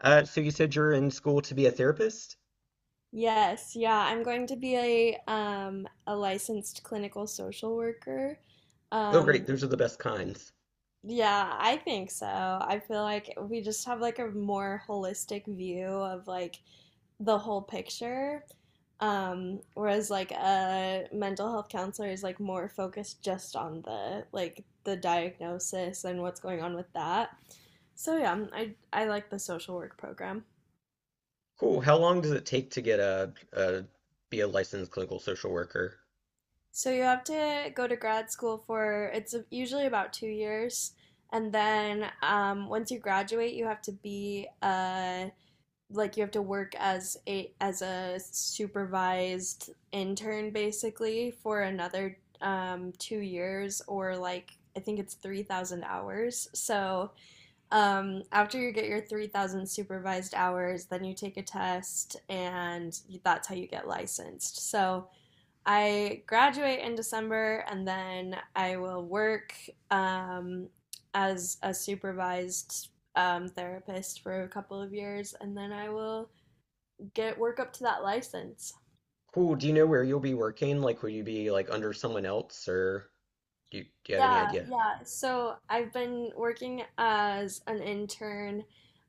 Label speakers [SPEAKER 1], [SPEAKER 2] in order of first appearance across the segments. [SPEAKER 1] So you said you're in school to be a therapist?
[SPEAKER 2] Yes, yeah, I'm going to be a licensed clinical social worker.
[SPEAKER 1] Oh, great.
[SPEAKER 2] Um
[SPEAKER 1] Those are the best kinds.
[SPEAKER 2] yeah, I think so. I feel like we just have like a more holistic view of like the whole picture. Whereas like a mental health counselor is like more focused just on the diagnosis and what's going on with that. So yeah, I like the social work program.
[SPEAKER 1] Cool. How long does it take to get a be a licensed clinical social worker?
[SPEAKER 2] So you have to go to grad school for it's usually about 2 years, and then once you graduate, you have to be like you have to work as a supervised intern basically for another 2 years or like I think it's 3,000 hours. So after you get your 3,000 supervised hours, then you take a test, and that's how you get licensed. So I graduate in December and then I will work um, as a supervised therapist for a couple of years and then I will get work up to that license.
[SPEAKER 1] Cool. Do you know where you'll be working? Like, will you be like under someone else, or do you have any
[SPEAKER 2] Yeah,
[SPEAKER 1] idea?
[SPEAKER 2] yeah. So I've been working as an intern,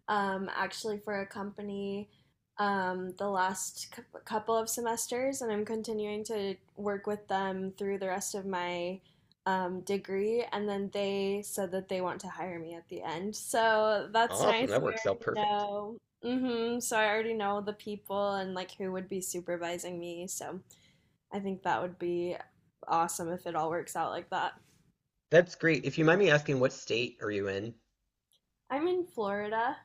[SPEAKER 2] actually for a company, the last couple of semesters, and I'm continuing to work with them through the rest of my degree. And then they said that they want to hire me at the end, so that's
[SPEAKER 1] Awesome.
[SPEAKER 2] nice.
[SPEAKER 1] That works
[SPEAKER 2] I
[SPEAKER 1] out
[SPEAKER 2] already
[SPEAKER 1] perfect.
[SPEAKER 2] know. Hmm. So I already know the people and like who would be supervising me. So I think that would be awesome if it all works out like that.
[SPEAKER 1] That's great. If you mind me asking, what state are you in?
[SPEAKER 2] I'm in Florida.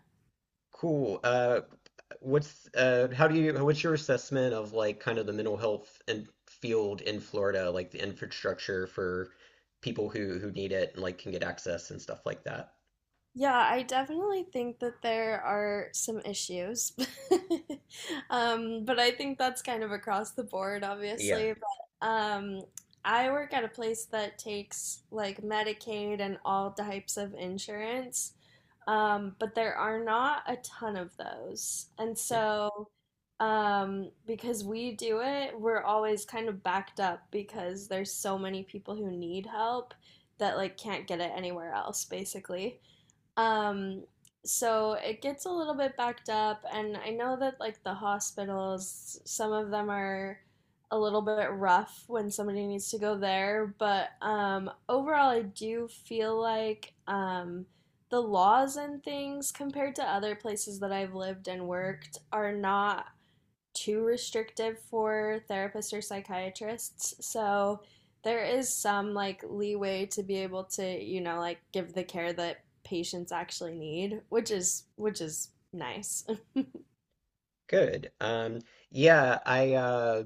[SPEAKER 1] Cool. What's how do you what's your assessment of like kind of the mental health and field in Florida, like the infrastructure for people who need it and like can get access and stuff like that?
[SPEAKER 2] Yeah, I definitely think that there are some issues. But I think that's kind of across the board,
[SPEAKER 1] Yeah.
[SPEAKER 2] obviously. But I work at a place that takes like Medicaid and all types of insurance. But there are not a ton of those. And
[SPEAKER 1] Hmm.
[SPEAKER 2] so, because we do it, we're always kind of backed up because there's so many people who need help that like can't get it anywhere else, basically. Um, so it gets a little bit backed up, and I know that like the hospitals, some of them are a little bit rough when somebody needs to go there, but overall, I do feel like the laws and things compared to other places that I've lived and worked are not too restrictive for therapists or psychiatrists. So there is some like leeway to be able to, like give the care that patients actually need, which is nice.
[SPEAKER 1] Good. Yeah, I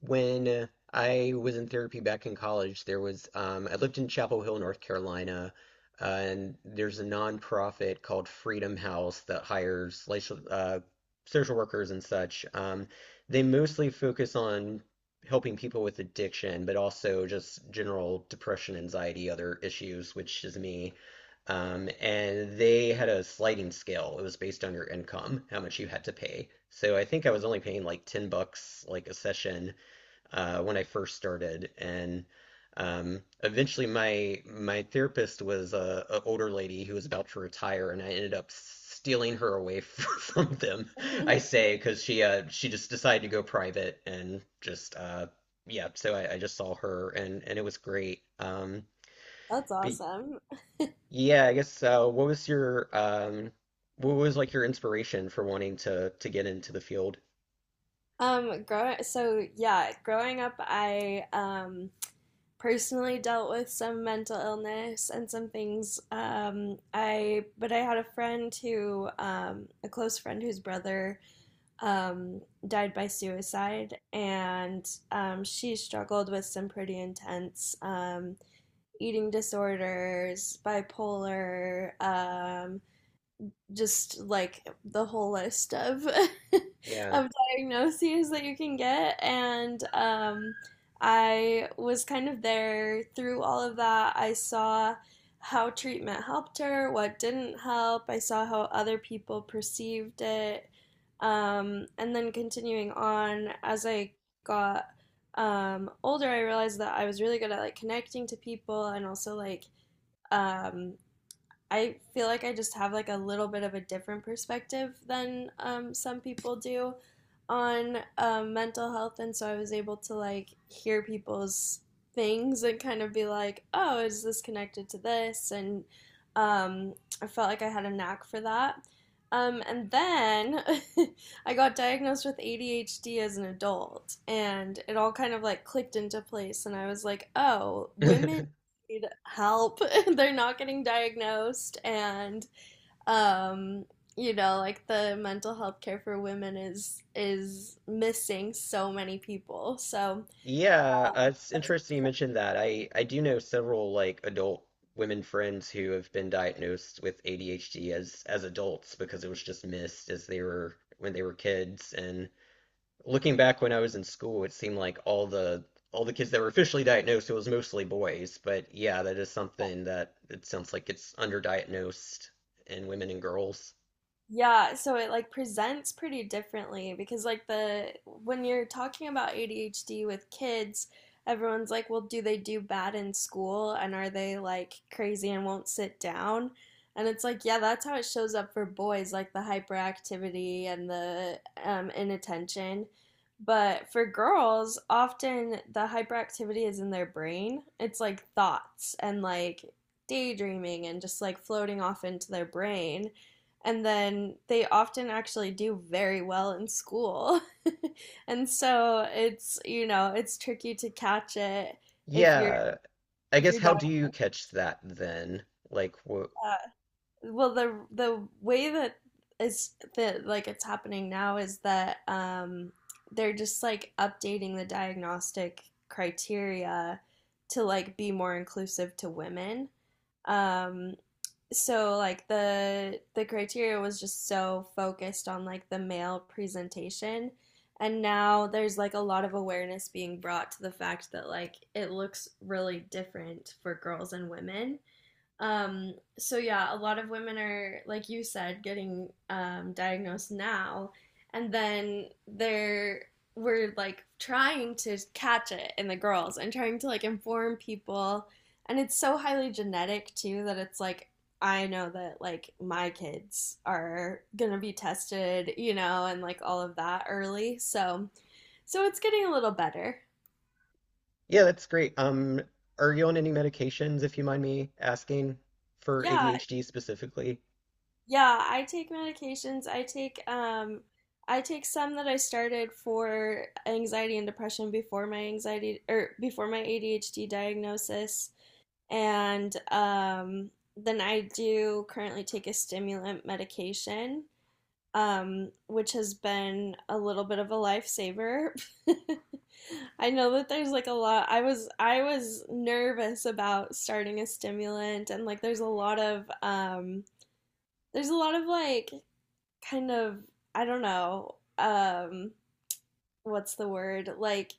[SPEAKER 1] when I was in therapy back in college, there was I lived in Chapel Hill, North Carolina, and there's a nonprofit called Freedom House that hires social, social workers and such. They mostly focus on helping people with addiction, but also just general depression, anxiety, other issues, which is me. And they had a sliding scale. It was based on your income, how much you had to pay. So I think I was only paying like $10 like a session when I first started. And eventually, my therapist was a older lady who was about to retire, and I ended up stealing her away from them. I say because she just decided to go private and just yeah. So I just saw her, and it was great. Um,
[SPEAKER 2] That's
[SPEAKER 1] but
[SPEAKER 2] awesome.
[SPEAKER 1] yeah, what was like your inspiration for wanting to get into the field?
[SPEAKER 2] Grow so yeah, growing up, I personally dealt with some mental illness and some things. I But I had a friend who, a close friend whose brother um, died by suicide, and she struggled with some pretty intense eating disorders, bipolar, just like the whole list of
[SPEAKER 1] Yeah.
[SPEAKER 2] of diagnoses that you can get. And I was kind of there through all of that. I saw how treatment helped her, what didn't help. I saw how other people perceived it. And then continuing on, as I got older, I realized that I was really good at like connecting to people and also um, I feel like I just have like a little bit of a different perspective than some people do on mental health, and so I was able to like hear people's things and kind of be like, oh, is this connected to this? And um, I felt like I had a knack for that. And then I got diagnosed with ADHD as an adult, and it all kind of like clicked into place. And I was like, oh, women need help. They're not getting diagnosed. And um you know, like the mental health care for women is missing so many people. So
[SPEAKER 1] Yeah, it's interesting you mentioned that. I do know several like adult women friends who have been diagnosed with ADHD as adults because it was just missed as they were when they were kids. And looking back when I was in school, it seemed like all the kids that were officially diagnosed, it was mostly boys. But yeah, that is something that it sounds like it's underdiagnosed in women and girls.
[SPEAKER 2] yeah, so it like presents pretty differently because like the when you're talking about ADHD with kids, everyone's like, "Well, do they do bad in school and are they like crazy and won't sit down?" And it's like, yeah, that's how it shows up for boys, like the hyperactivity and the inattention. But for girls, often the hyperactivity is in their brain. It's like thoughts and like daydreaming and just like floating off into their brain, and then they often actually do very well in school. And so it's, you know, it's tricky to catch it if you're
[SPEAKER 1] Yeah, I
[SPEAKER 2] if
[SPEAKER 1] guess
[SPEAKER 2] you're
[SPEAKER 1] how do
[SPEAKER 2] diagnosed.
[SPEAKER 1] you
[SPEAKER 2] Like,
[SPEAKER 1] catch that then? Like, wh
[SPEAKER 2] well, the way that is, that like it's happening now is that they're just like updating the diagnostic criteria to like be more inclusive to women. Um so like the criteria was just so focused on like the male presentation, and now there's like a lot of awareness being brought to the fact that like it looks really different for girls and women. So yeah, a lot of women are, like you said, getting diagnosed now, and then they're we're like trying to catch it in the girls and trying to like inform people, and it's so highly genetic too that it's like I know that like my kids are gonna be tested, you know, and like all of that early. So so it's getting a little better.
[SPEAKER 1] Yeah, that's great. Are you on any medications, if you mind me asking, for
[SPEAKER 2] Yeah.
[SPEAKER 1] ADHD specifically?
[SPEAKER 2] Yeah, I take medications. I take some that I started for anxiety and depression before my anxiety or before my ADHD diagnosis. And Then I do currently take a stimulant medication, which has been a little bit of a lifesaver. I know that there's like a lot. I was nervous about starting a stimulant and like there's a lot of there's a lot of like kind of I don't know, what's the word? Like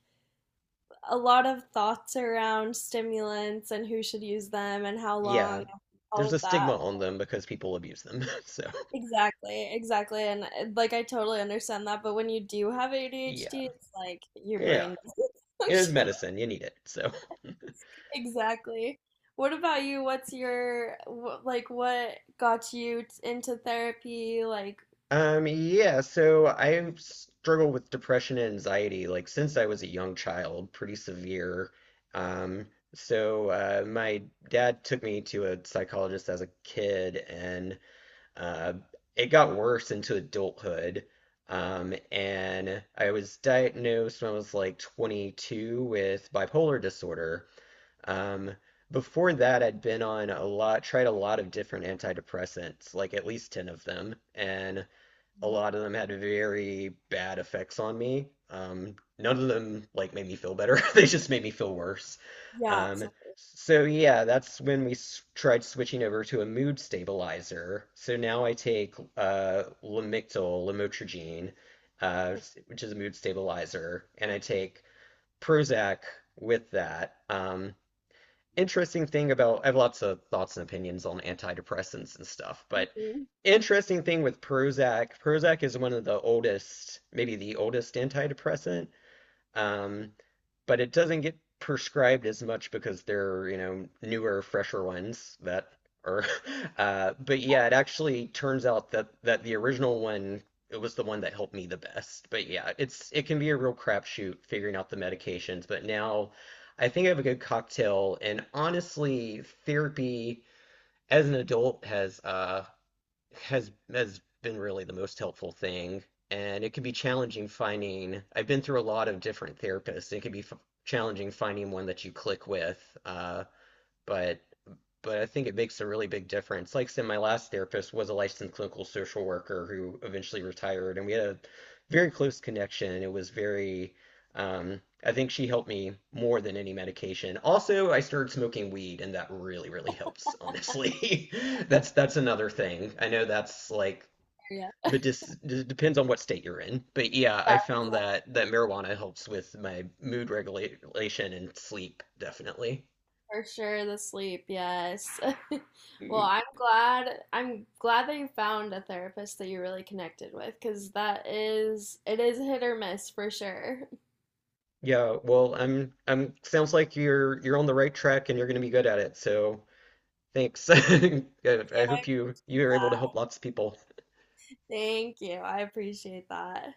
[SPEAKER 2] a lot of thoughts around stimulants and who should use them and how
[SPEAKER 1] Yeah.
[SPEAKER 2] long, all
[SPEAKER 1] There's a
[SPEAKER 2] of that.
[SPEAKER 1] stigma on them because people abuse them. So,
[SPEAKER 2] Exactly, exactly. And like I totally understand that, but when you do have
[SPEAKER 1] yeah.
[SPEAKER 2] ADHD, it's like your
[SPEAKER 1] Yeah.
[SPEAKER 2] brain doesn't
[SPEAKER 1] It is
[SPEAKER 2] function.
[SPEAKER 1] medicine. You need it. So,
[SPEAKER 2] Exactly. What about you? What's your like what got you into therapy? Like,
[SPEAKER 1] yeah, so I struggle with depression and anxiety like since I was a young child, pretty severe. Um, so my dad took me to a psychologist as a kid, and Uh, it got worse into adulthood. And I was diagnosed when I was like 22 with bipolar disorder. Um, before that, I'd been on a lot, tried a lot of different antidepressants, like at least 10 of them, and a lot of them had very bad effects on me. None of them like made me feel better. They just made me feel worse.
[SPEAKER 2] yeah,
[SPEAKER 1] Um,
[SPEAKER 2] absolutely.
[SPEAKER 1] so yeah, that's when we s tried switching over to a mood stabilizer. So now I take Lamictal, lamotrigine, uh, which is a mood stabilizer, and I take Prozac with that. Interesting thing about I have lots of thoughts and opinions on antidepressants and stuff, but
[SPEAKER 2] Yeah.
[SPEAKER 1] interesting thing with Prozac, Prozac is one of the oldest, maybe the oldest antidepressant. Um, but it doesn't get prescribed as much because they're, you know, newer, fresher ones that are. But yeah, it actually turns out that that the original one it was the one that helped me the best. But yeah, it's it can be a real crapshoot figuring out the medications. But now I think I have a good cocktail, and honestly, therapy as an adult has been really the most helpful thing. And it can be challenging finding. I've been through a lot of different therapists. It can be f challenging finding one that you click with. Uh, but but I think it makes a really big difference. Like I said, my last therapist was a licensed clinical social worker who eventually retired, and we had a very close connection. And It was very, I think she helped me more than any medication. Also, I started smoking weed, and that really, really helps, honestly. That's another thing. I know that's like medic- it depends on what state you're in, but yeah,
[SPEAKER 2] Yeah,
[SPEAKER 1] I found that that
[SPEAKER 2] exactly.
[SPEAKER 1] marijuana helps with my mood regulation and sleep, definitely.
[SPEAKER 2] For sure, the sleep, yes. Well, I'm glad that you found a therapist that you really connected with because that is it is hit or miss for sure.
[SPEAKER 1] Yeah, well, I'm sounds like you're on the right track and you're going to be good at it. So, thanks. Good.
[SPEAKER 2] Yeah,
[SPEAKER 1] I
[SPEAKER 2] I'm
[SPEAKER 1] hope you are able to help
[SPEAKER 2] glad.
[SPEAKER 1] lots of people.
[SPEAKER 2] Thank you. I appreciate that.